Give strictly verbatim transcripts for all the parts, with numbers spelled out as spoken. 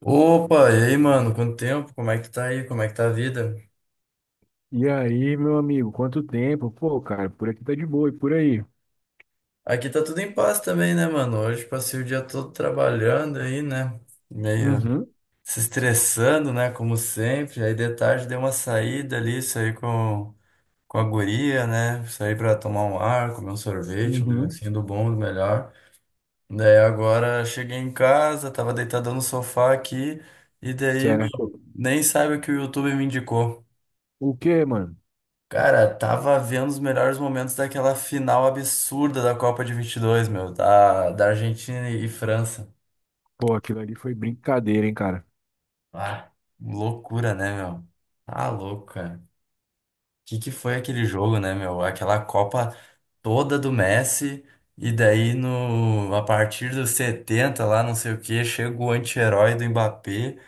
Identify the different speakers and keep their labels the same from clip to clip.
Speaker 1: Opa, e aí, mano? Quanto tempo? Como é que tá aí? Como é que tá a vida?
Speaker 2: E aí, meu amigo, quanto tempo? Pô, cara, por aqui tá de boa e por aí?
Speaker 1: Aqui tá tudo em paz também, né, mano? Hoje passei o dia todo trabalhando aí, né? Meio
Speaker 2: Uhum,
Speaker 1: se estressando, né? Como sempre. Aí de tarde dei uma saída ali, saí com, com a guria, né? Saí pra tomar um ar, comer um sorvete, um
Speaker 2: uhum,
Speaker 1: negocinho do bom, do melhor. Daí agora cheguei em casa, tava deitado no sofá aqui, e daí
Speaker 2: certo.
Speaker 1: nem sabe o que o YouTube me indicou.
Speaker 2: O quê, mano?
Speaker 1: Cara, tava vendo os melhores momentos daquela final absurda da Copa de vinte e dois, meu, da, da Argentina e França.
Speaker 2: Pô, aquilo ali foi brincadeira, hein, cara?
Speaker 1: Ah, loucura, né, meu? Tá louco, cara. Que que foi aquele jogo, né, meu? Aquela Copa toda do Messi e daí no a partir dos setenta lá, não sei o que chega o anti-herói do Mbappé.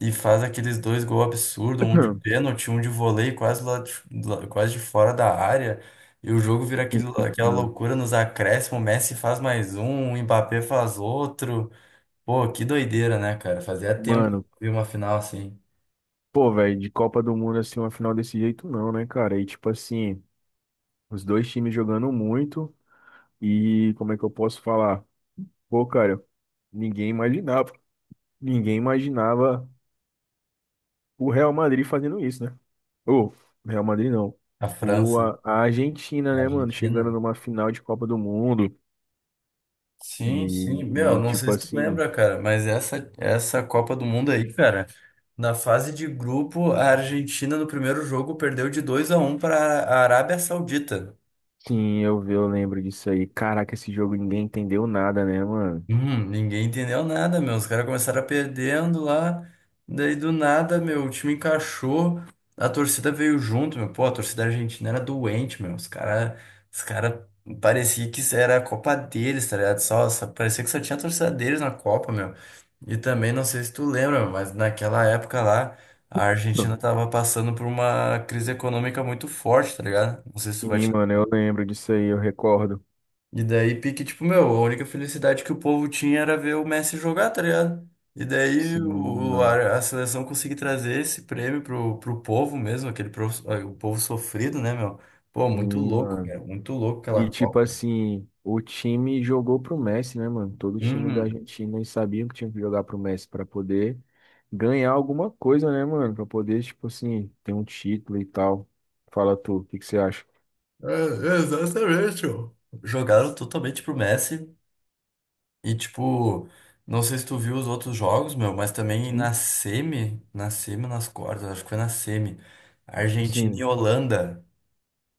Speaker 1: E faz aqueles dois gols absurdos, um de pênalti, um de voleio quase lá de, lá- quase de fora da área. E o jogo vira
Speaker 2: Sim,
Speaker 1: aquele, aquela
Speaker 2: mano,
Speaker 1: loucura nos acréscimos, o Messi faz mais um, o Mbappé faz outro. Pô, que doideira, né, cara? Fazia tempo que
Speaker 2: mano,
Speaker 1: eu vi uma final assim,
Speaker 2: pô, velho, de Copa do Mundo, assim, uma final desse jeito não, né, cara? E, tipo assim, os dois times jogando muito e, como é que eu posso falar? Pô, cara, ninguém imaginava, ninguém imaginava o Real Madrid fazendo isso, né? O Real Madrid não.
Speaker 1: a
Speaker 2: O,
Speaker 1: França,
Speaker 2: a, a Argentina,
Speaker 1: a
Speaker 2: né, mano? Chegando
Speaker 1: Argentina.
Speaker 2: numa final de Copa do Mundo.
Speaker 1: Sim, sim. Meu,
Speaker 2: E, e,
Speaker 1: não sei
Speaker 2: tipo
Speaker 1: se tu
Speaker 2: assim,
Speaker 1: lembra, cara, mas essa, essa Copa do Mundo aí, cara, na fase de grupo, a Argentina no primeiro jogo perdeu de dois a um para a Arábia Saudita.
Speaker 2: sim, eu, vi- eu lembro disso aí. Caraca, esse jogo ninguém entendeu nada, né, mano?
Speaker 1: Hum, ninguém entendeu nada, meu. Os caras começaram perdendo lá. Daí do nada, meu, o time encaixou. A torcida veio junto, meu. Pô, a torcida argentina era doente, meu. Os caras, os cara parecia que isso era a Copa deles, tá ligado? Só, só- parecia que só tinha a torcida deles na Copa, meu. E também, não sei se tu lembra, meu, mas naquela época lá, a Argentina tava passando por uma crise econômica muito forte, tá ligado? Não sei se tu vai
Speaker 2: Sim,
Speaker 1: te
Speaker 2: mano, eu lembro disso aí, eu recordo.
Speaker 1: e daí, pique, tipo, meu, a única felicidade que o povo tinha era ver o Messi jogar, tá ligado? E daí
Speaker 2: Sim,
Speaker 1: o,
Speaker 2: mano.
Speaker 1: a, a seleção conseguiu trazer esse prêmio pro, pro povo mesmo, aquele pro o povo sofrido, né, meu? Pô, muito
Speaker 2: Sim,
Speaker 1: louco, cara,
Speaker 2: mano.
Speaker 1: muito louco aquela
Speaker 2: E tipo
Speaker 1: Copa.
Speaker 2: assim, o time jogou pro Messi, né, mano? Todo time da
Speaker 1: Uhum.
Speaker 2: Argentina eles sabiam que tinha que jogar pro Messi pra poder ganhar alguma coisa, né, mano? Pra poder, tipo assim, ter um título e tal. Fala tu, o que que você acha?
Speaker 1: É, exatamente, ó. Jogaram totalmente pro Messi e, tipo, não sei se tu viu os outros jogos, meu, mas também
Speaker 2: Sim.
Speaker 1: na semi, na semi, nas quartas, acho que foi na semi, Argentina e
Speaker 2: Sim,
Speaker 1: Holanda.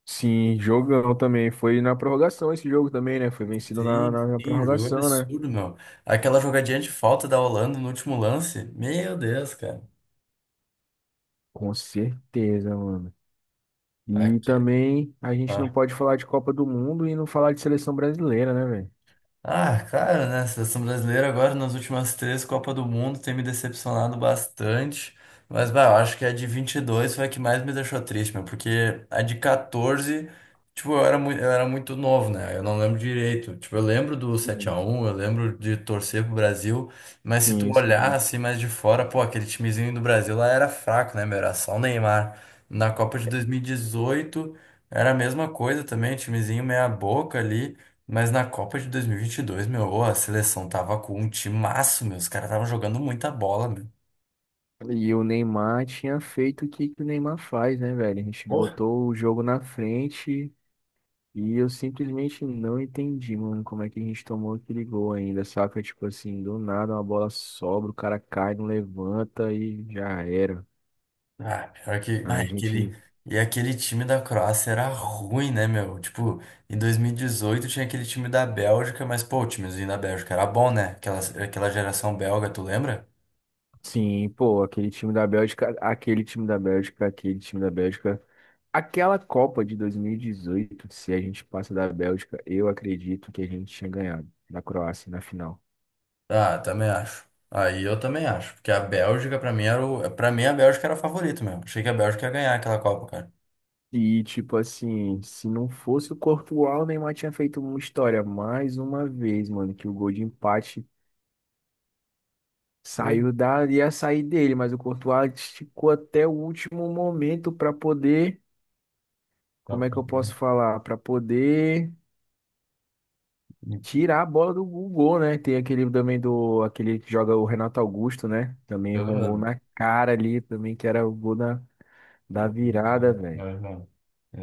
Speaker 2: sim, jogão também. Foi na prorrogação esse jogo também, né? Foi vencido na,
Speaker 1: Sim,
Speaker 2: na, na
Speaker 1: sim, o jogo é
Speaker 2: prorrogação, né?
Speaker 1: absurdo, meu. Aquela jogadinha de falta da Holanda no último lance, meu Deus, cara.
Speaker 2: Com certeza, mano. E
Speaker 1: Aqui,
Speaker 2: também a gente não pode falar de Copa do Mundo e não falar de seleção brasileira, né, velho?
Speaker 1: ah, cara, né? A seleção brasileira agora nas últimas três Copas do Mundo tem me decepcionado bastante. Mas, bah, eu acho que a de vinte e dois foi a que mais me deixou triste, meu, porque a de quatorze, tipo, eu era muito, eu era muito novo, né? Eu não lembro direito. Tipo, eu lembro do sete a
Speaker 2: Sim,
Speaker 1: um eu lembro de torcer pro Brasil, mas se tu
Speaker 2: sim.
Speaker 1: olhar
Speaker 2: Sim.
Speaker 1: assim mais de fora, pô, aquele timezinho do Brasil lá era fraco, né, meu? Era só o Neymar. Na Copa de dois mil e dezoito era a mesma coisa também, timezinho meia boca ali. Mas na Copa de dois mil e vinte e dois, meu, ô, a seleção tava com um timaço, meu. Os caras estavam jogando muita bola, meu.
Speaker 2: E o Neymar tinha feito o que que o Neymar faz, né, velho? A gente
Speaker 1: Porra,
Speaker 2: botou o jogo na frente e eu simplesmente não entendi, mano, como é que a gente tomou aquele gol ainda, saca? Tipo assim, do nada uma bola sobra, o cara cai, não levanta e já era.
Speaker 1: ah, pior que. Ah,
Speaker 2: A gente,
Speaker 1: aquele... E aquele time da Croácia era ruim, né, meu? Tipo, em dois mil e dezoito tinha aquele time da Bélgica, mas, pô, o timezinho da Bélgica era bom, né? Aquela, aquela geração belga, tu lembra?
Speaker 2: sim, pô, aquele time da Bélgica, aquele time da Bélgica, aquele time da Bélgica. Aquela Copa de dois mil e dezoito, se a gente passa da Bélgica, eu acredito que a gente tinha ganhado da Croácia na final.
Speaker 1: Ah, também acho. Aí eu também acho. Porque a Bélgica, pra mim, era o... pra mim, a Bélgica era o favorito, meu. Achei que a Bélgica ia ganhar aquela Copa, cara.
Speaker 2: E, tipo assim, se não fosse o Courtois, o Neymar tinha feito uma história mais uma vez, mano, que o gol de empate saiu
Speaker 1: É,
Speaker 2: da, ia sair dele, mas o Courtois esticou até o último momento pra poder,
Speaker 1: tá
Speaker 2: como é que
Speaker 1: pra
Speaker 2: eu
Speaker 1: ver.
Speaker 2: posso falar? Pra poder
Speaker 1: E-
Speaker 2: tirar a bola do gol, né? Tem aquele também do, aquele que joga o Renato Augusto, né? Também errou um gol na cara ali, também que era o gol da, da
Speaker 1: Engoliu, tá
Speaker 2: virada,
Speaker 1: ligado? É
Speaker 2: velho.
Speaker 1: verdade.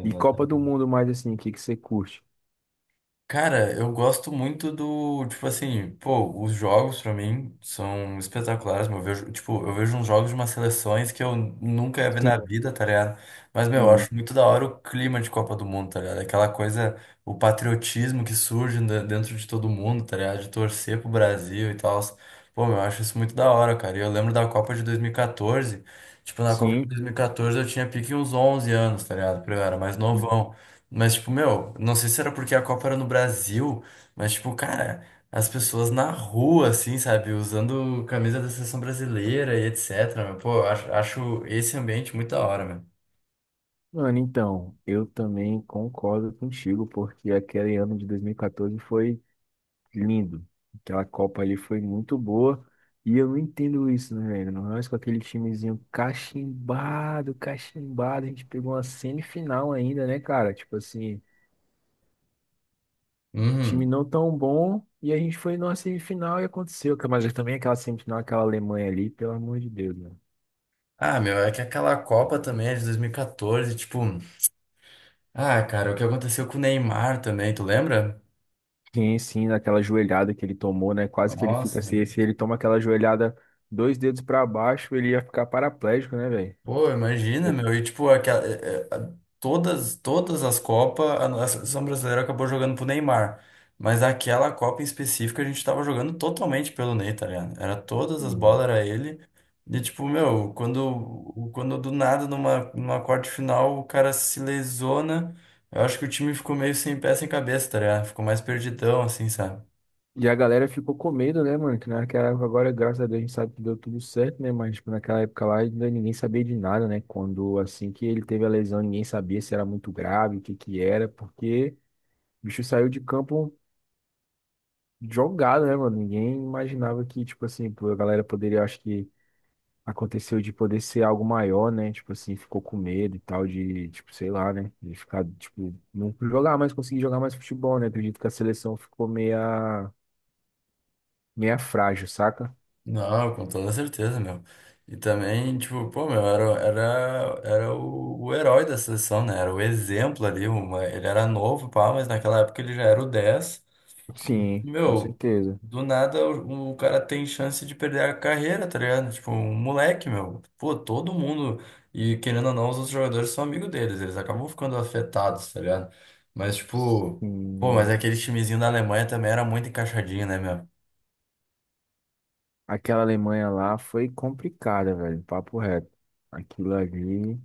Speaker 2: E Copa do Mundo mais assim, o que que você curte?
Speaker 1: Cara, eu gosto muito do, tipo assim, pô, os jogos pra mim são espetaculares, meu. Eu vejo, tipo, eu vejo uns jogos de umas seleções que eu nunca ia ver na
Speaker 2: Sim.
Speaker 1: vida, tá ligado? Mas, meu, eu acho muito da hora o clima de Copa do Mundo, tá ligado? Aquela coisa, o patriotismo que surge de- dentro de todo mundo, tá ligado? De torcer pro Brasil e tal. Pô, meu, eu acho isso muito da hora, cara. E eu lembro da Copa de dois mil e quatorze, tipo, na Copa de
Speaker 2: Sim,
Speaker 1: dois mil e quatorze eu tinha pique uns onze anos, tá ligado? Porque eu era mais
Speaker 2: sim.
Speaker 1: novão. Mas, tipo, meu, não sei se era porque a Copa era no Brasil, mas, tipo, cara, as pessoas na rua, assim, sabe, usando camisa da seleção brasileira e et cetera. Meu, pô, eu acho, acho esse ambiente muito da hora, meu.
Speaker 2: Mano, então, eu também concordo contigo, porque aquele ano de dois mil e quatorze foi lindo. Aquela Copa ali foi muito boa. E eu não entendo isso, né, velho? Nós com aquele timezinho cachimbado, cachimbado, a gente pegou uma semifinal ainda, né, cara? Tipo assim, time
Speaker 1: Uhum.
Speaker 2: não tão bom, e a gente foi numa semifinal e aconteceu. Mas também aquela semifinal, aquela Alemanha ali, pelo amor de Deus, né?
Speaker 1: Ah, meu, é que aquela Copa também é de dois mil e quatorze, tipo. Ah, cara, o que aconteceu com o Neymar também, tu lembra?
Speaker 2: Sim, sim, daquela joelhada que ele tomou, né? Quase que ele fica
Speaker 1: Nossa,
Speaker 2: assim. Se ele toma aquela joelhada dois dedos pra baixo, ele ia ficar paraplégico, né, velho?
Speaker 1: pô, imagina,
Speaker 2: De-
Speaker 1: meu. E tipo, aquela, é, é, a- todas, todas, as Copas, a nossa seleção brasileira acabou jogando pro Neymar. Mas aquela Copa em específico a gente tava jogando totalmente pelo Ney, tá ligado? Era todas as bolas,
Speaker 2: Sim.
Speaker 1: era ele. E tipo, meu, quando, quando do nada, numa, numa quarta de final, o cara se lesiona, eu acho que o time ficou meio sem pé, sem cabeça, tá ligado? Ficou mais perdidão, assim, sabe?
Speaker 2: E a galera ficou com medo, né, mano? Que naquela época, agora, graças a Deus, a gente sabe que deu tudo certo, né? Mas, tipo, naquela época lá, ainda ninguém sabia de nada, né? Quando, assim que ele teve a lesão, ninguém sabia se era muito grave, o que que era, porque o bicho saiu de campo jogado, né, mano? Ninguém imaginava que, tipo assim, pô, a galera poderia, acho que aconteceu de poder ser algo maior, né? Tipo assim, ficou com medo e tal de, tipo, sei lá, né? De ficar, tipo, não jogar mais, conseguir jogar mais futebol, né? Acredito que a seleção ficou meia, meia frágil, saca?
Speaker 1: Não, com toda certeza, meu. E também, tipo, pô, meu, era, era, era o, o herói da seleção, né? Era o exemplo ali. Uma, ele era novo, pá, mas naquela época ele já era o dez.
Speaker 2: Sim, com
Speaker 1: Meu,
Speaker 2: certeza.
Speaker 1: do nada o, o cara tem chance de perder a carreira, tá ligado? Tipo, um moleque, meu. Pô, todo mundo. E querendo ou não, os outros jogadores são amigos deles. Eles acabam ficando afetados, tá ligado? Mas, tipo, pô, mas
Speaker 2: Sim.
Speaker 1: aquele timezinho da Alemanha também era muito encaixadinho, né, meu?
Speaker 2: Aquela Alemanha lá foi complicada, velho, papo reto. Aquilo ali,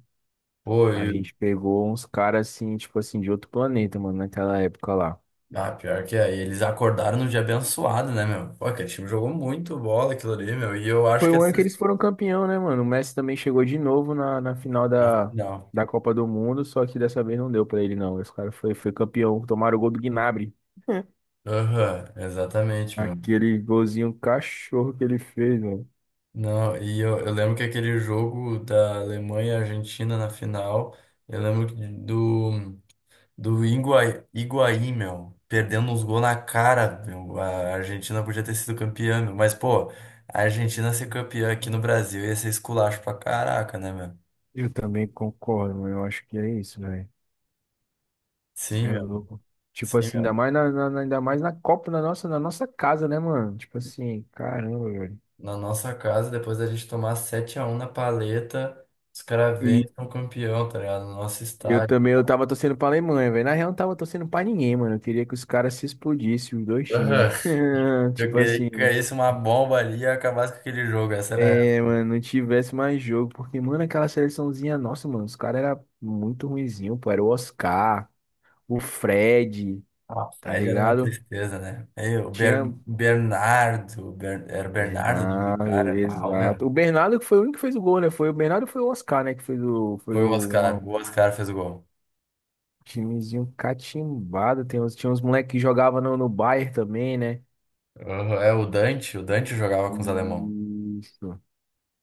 Speaker 1: Pô,
Speaker 2: a
Speaker 1: e
Speaker 2: gente pegou uns caras assim, tipo assim, de outro planeta, mano, naquela época lá.
Speaker 1: ah, pior que é. E eles acordaram num dia abençoado, né, meu? Pô, aquele time jogou muito bola aquilo ali, meu. E eu acho
Speaker 2: Foi
Speaker 1: que
Speaker 2: o
Speaker 1: essa...
Speaker 2: ano que eles foram campeão, né, mano? O Messi também chegou de novo na, na final
Speaker 1: na
Speaker 2: da,
Speaker 1: final.
Speaker 2: da Copa do Mundo, só que dessa vez não deu pra ele, não. Esse cara foi, foi campeão, tomaram o gol do Gnabry.
Speaker 1: Aham, exatamente, meu.
Speaker 2: Aquele golzinho cachorro que ele fez, mano.
Speaker 1: Não, e eu, eu lembro que aquele jogo da Alemanha e Argentina na final, eu lembro que do, do Higuaí, Higuaí, meu, perdendo uns gols na cara, meu. A Argentina podia ter sido campeã, meu. Mas, pô, a Argentina ser campeã aqui no Brasil ia ser esculacho pra caraca, né, meu?
Speaker 2: Eu também concordo, mano. Eu acho que é isso, velho. Você
Speaker 1: Sim,
Speaker 2: é
Speaker 1: meu.
Speaker 2: louco. Tipo
Speaker 1: Sim,
Speaker 2: assim, ainda
Speaker 1: meu.
Speaker 2: mais na, na- na- ainda mais na Copa, na nossa, na nossa casa, né, mano? Tipo assim, caramba, velho.
Speaker 1: Na nossa casa, depois da gente tomar sete a um na paleta, os caras vêm e são campeão, tá ligado? No nosso
Speaker 2: Eu
Speaker 1: estádio.
Speaker 2: também, eu tava torcendo pra Alemanha, velho. Na real, eu não tava torcendo pra ninguém, mano. Eu queria que os caras se explodissem, os dois
Speaker 1: Aham.
Speaker 2: times.
Speaker 1: Eu
Speaker 2: Tipo
Speaker 1: queria que
Speaker 2: assim,
Speaker 1: caísse uma bomba ali e acabasse com aquele jogo. Essa era.
Speaker 2: é,
Speaker 1: Ela.
Speaker 2: mano, não tivesse mais jogo. Porque, mano, aquela seleçãozinha, nossa, mano, os caras eram muito ruinzinho, pô. Era o Oscar, o Fred,
Speaker 1: Ah,
Speaker 2: tá
Speaker 1: Fred era uma
Speaker 2: ligado?
Speaker 1: tristeza, né? Aí, o Ber...
Speaker 2: Tinha
Speaker 1: Bernardo, Ber- era Bernardo o nome do
Speaker 2: Bernardo,
Speaker 1: cara. Mal, meu.
Speaker 2: exato. O Bernardo que foi o único que fez o gol, né? Foi o Bernardo e foi o Oscar, né? Que fez o, foi
Speaker 1: Foi
Speaker 2: do,
Speaker 1: o Oscar,
Speaker 2: uma-
Speaker 1: o Oscar fez o gol.
Speaker 2: timezinho catimbado. Tem uns, tinha uns moleques que jogavam no, no Bayern também, né?
Speaker 1: Aham, É o Dante, o Dante, jogava com os alemão.
Speaker 2: Isso.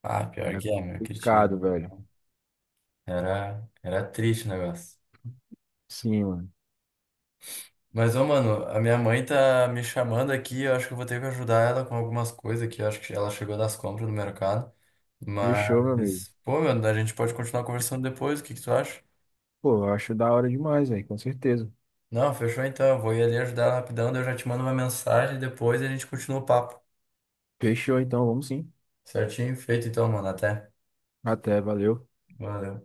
Speaker 1: Ah, pior
Speaker 2: Era
Speaker 1: que é, meu, aquele
Speaker 2: complicado,
Speaker 1: time.
Speaker 2: velho.
Speaker 1: Era, era triste o negócio.
Speaker 2: Sim, mano.
Speaker 1: Mas, ô, mano, a minha mãe tá me chamando aqui. Eu acho que eu vou ter que ajudar ela com algumas coisas aqui. Eu acho que ela chegou das compras no mercado.
Speaker 2: Fechou, meu amigo.
Speaker 1: Mas, pô, mano, a gente pode continuar conversando depois. O que que tu acha?
Speaker 2: Pô, eu acho da hora demais, velho, com certeza.
Speaker 1: Não, fechou então. Eu vou ir ali ajudar ela rapidão. Daí eu já te mando uma mensagem depois e a gente continua o papo.
Speaker 2: Fechou, então, vamos sim.
Speaker 1: Certinho? Feito então, mano. Até.
Speaker 2: Até, valeu.
Speaker 1: Valeu.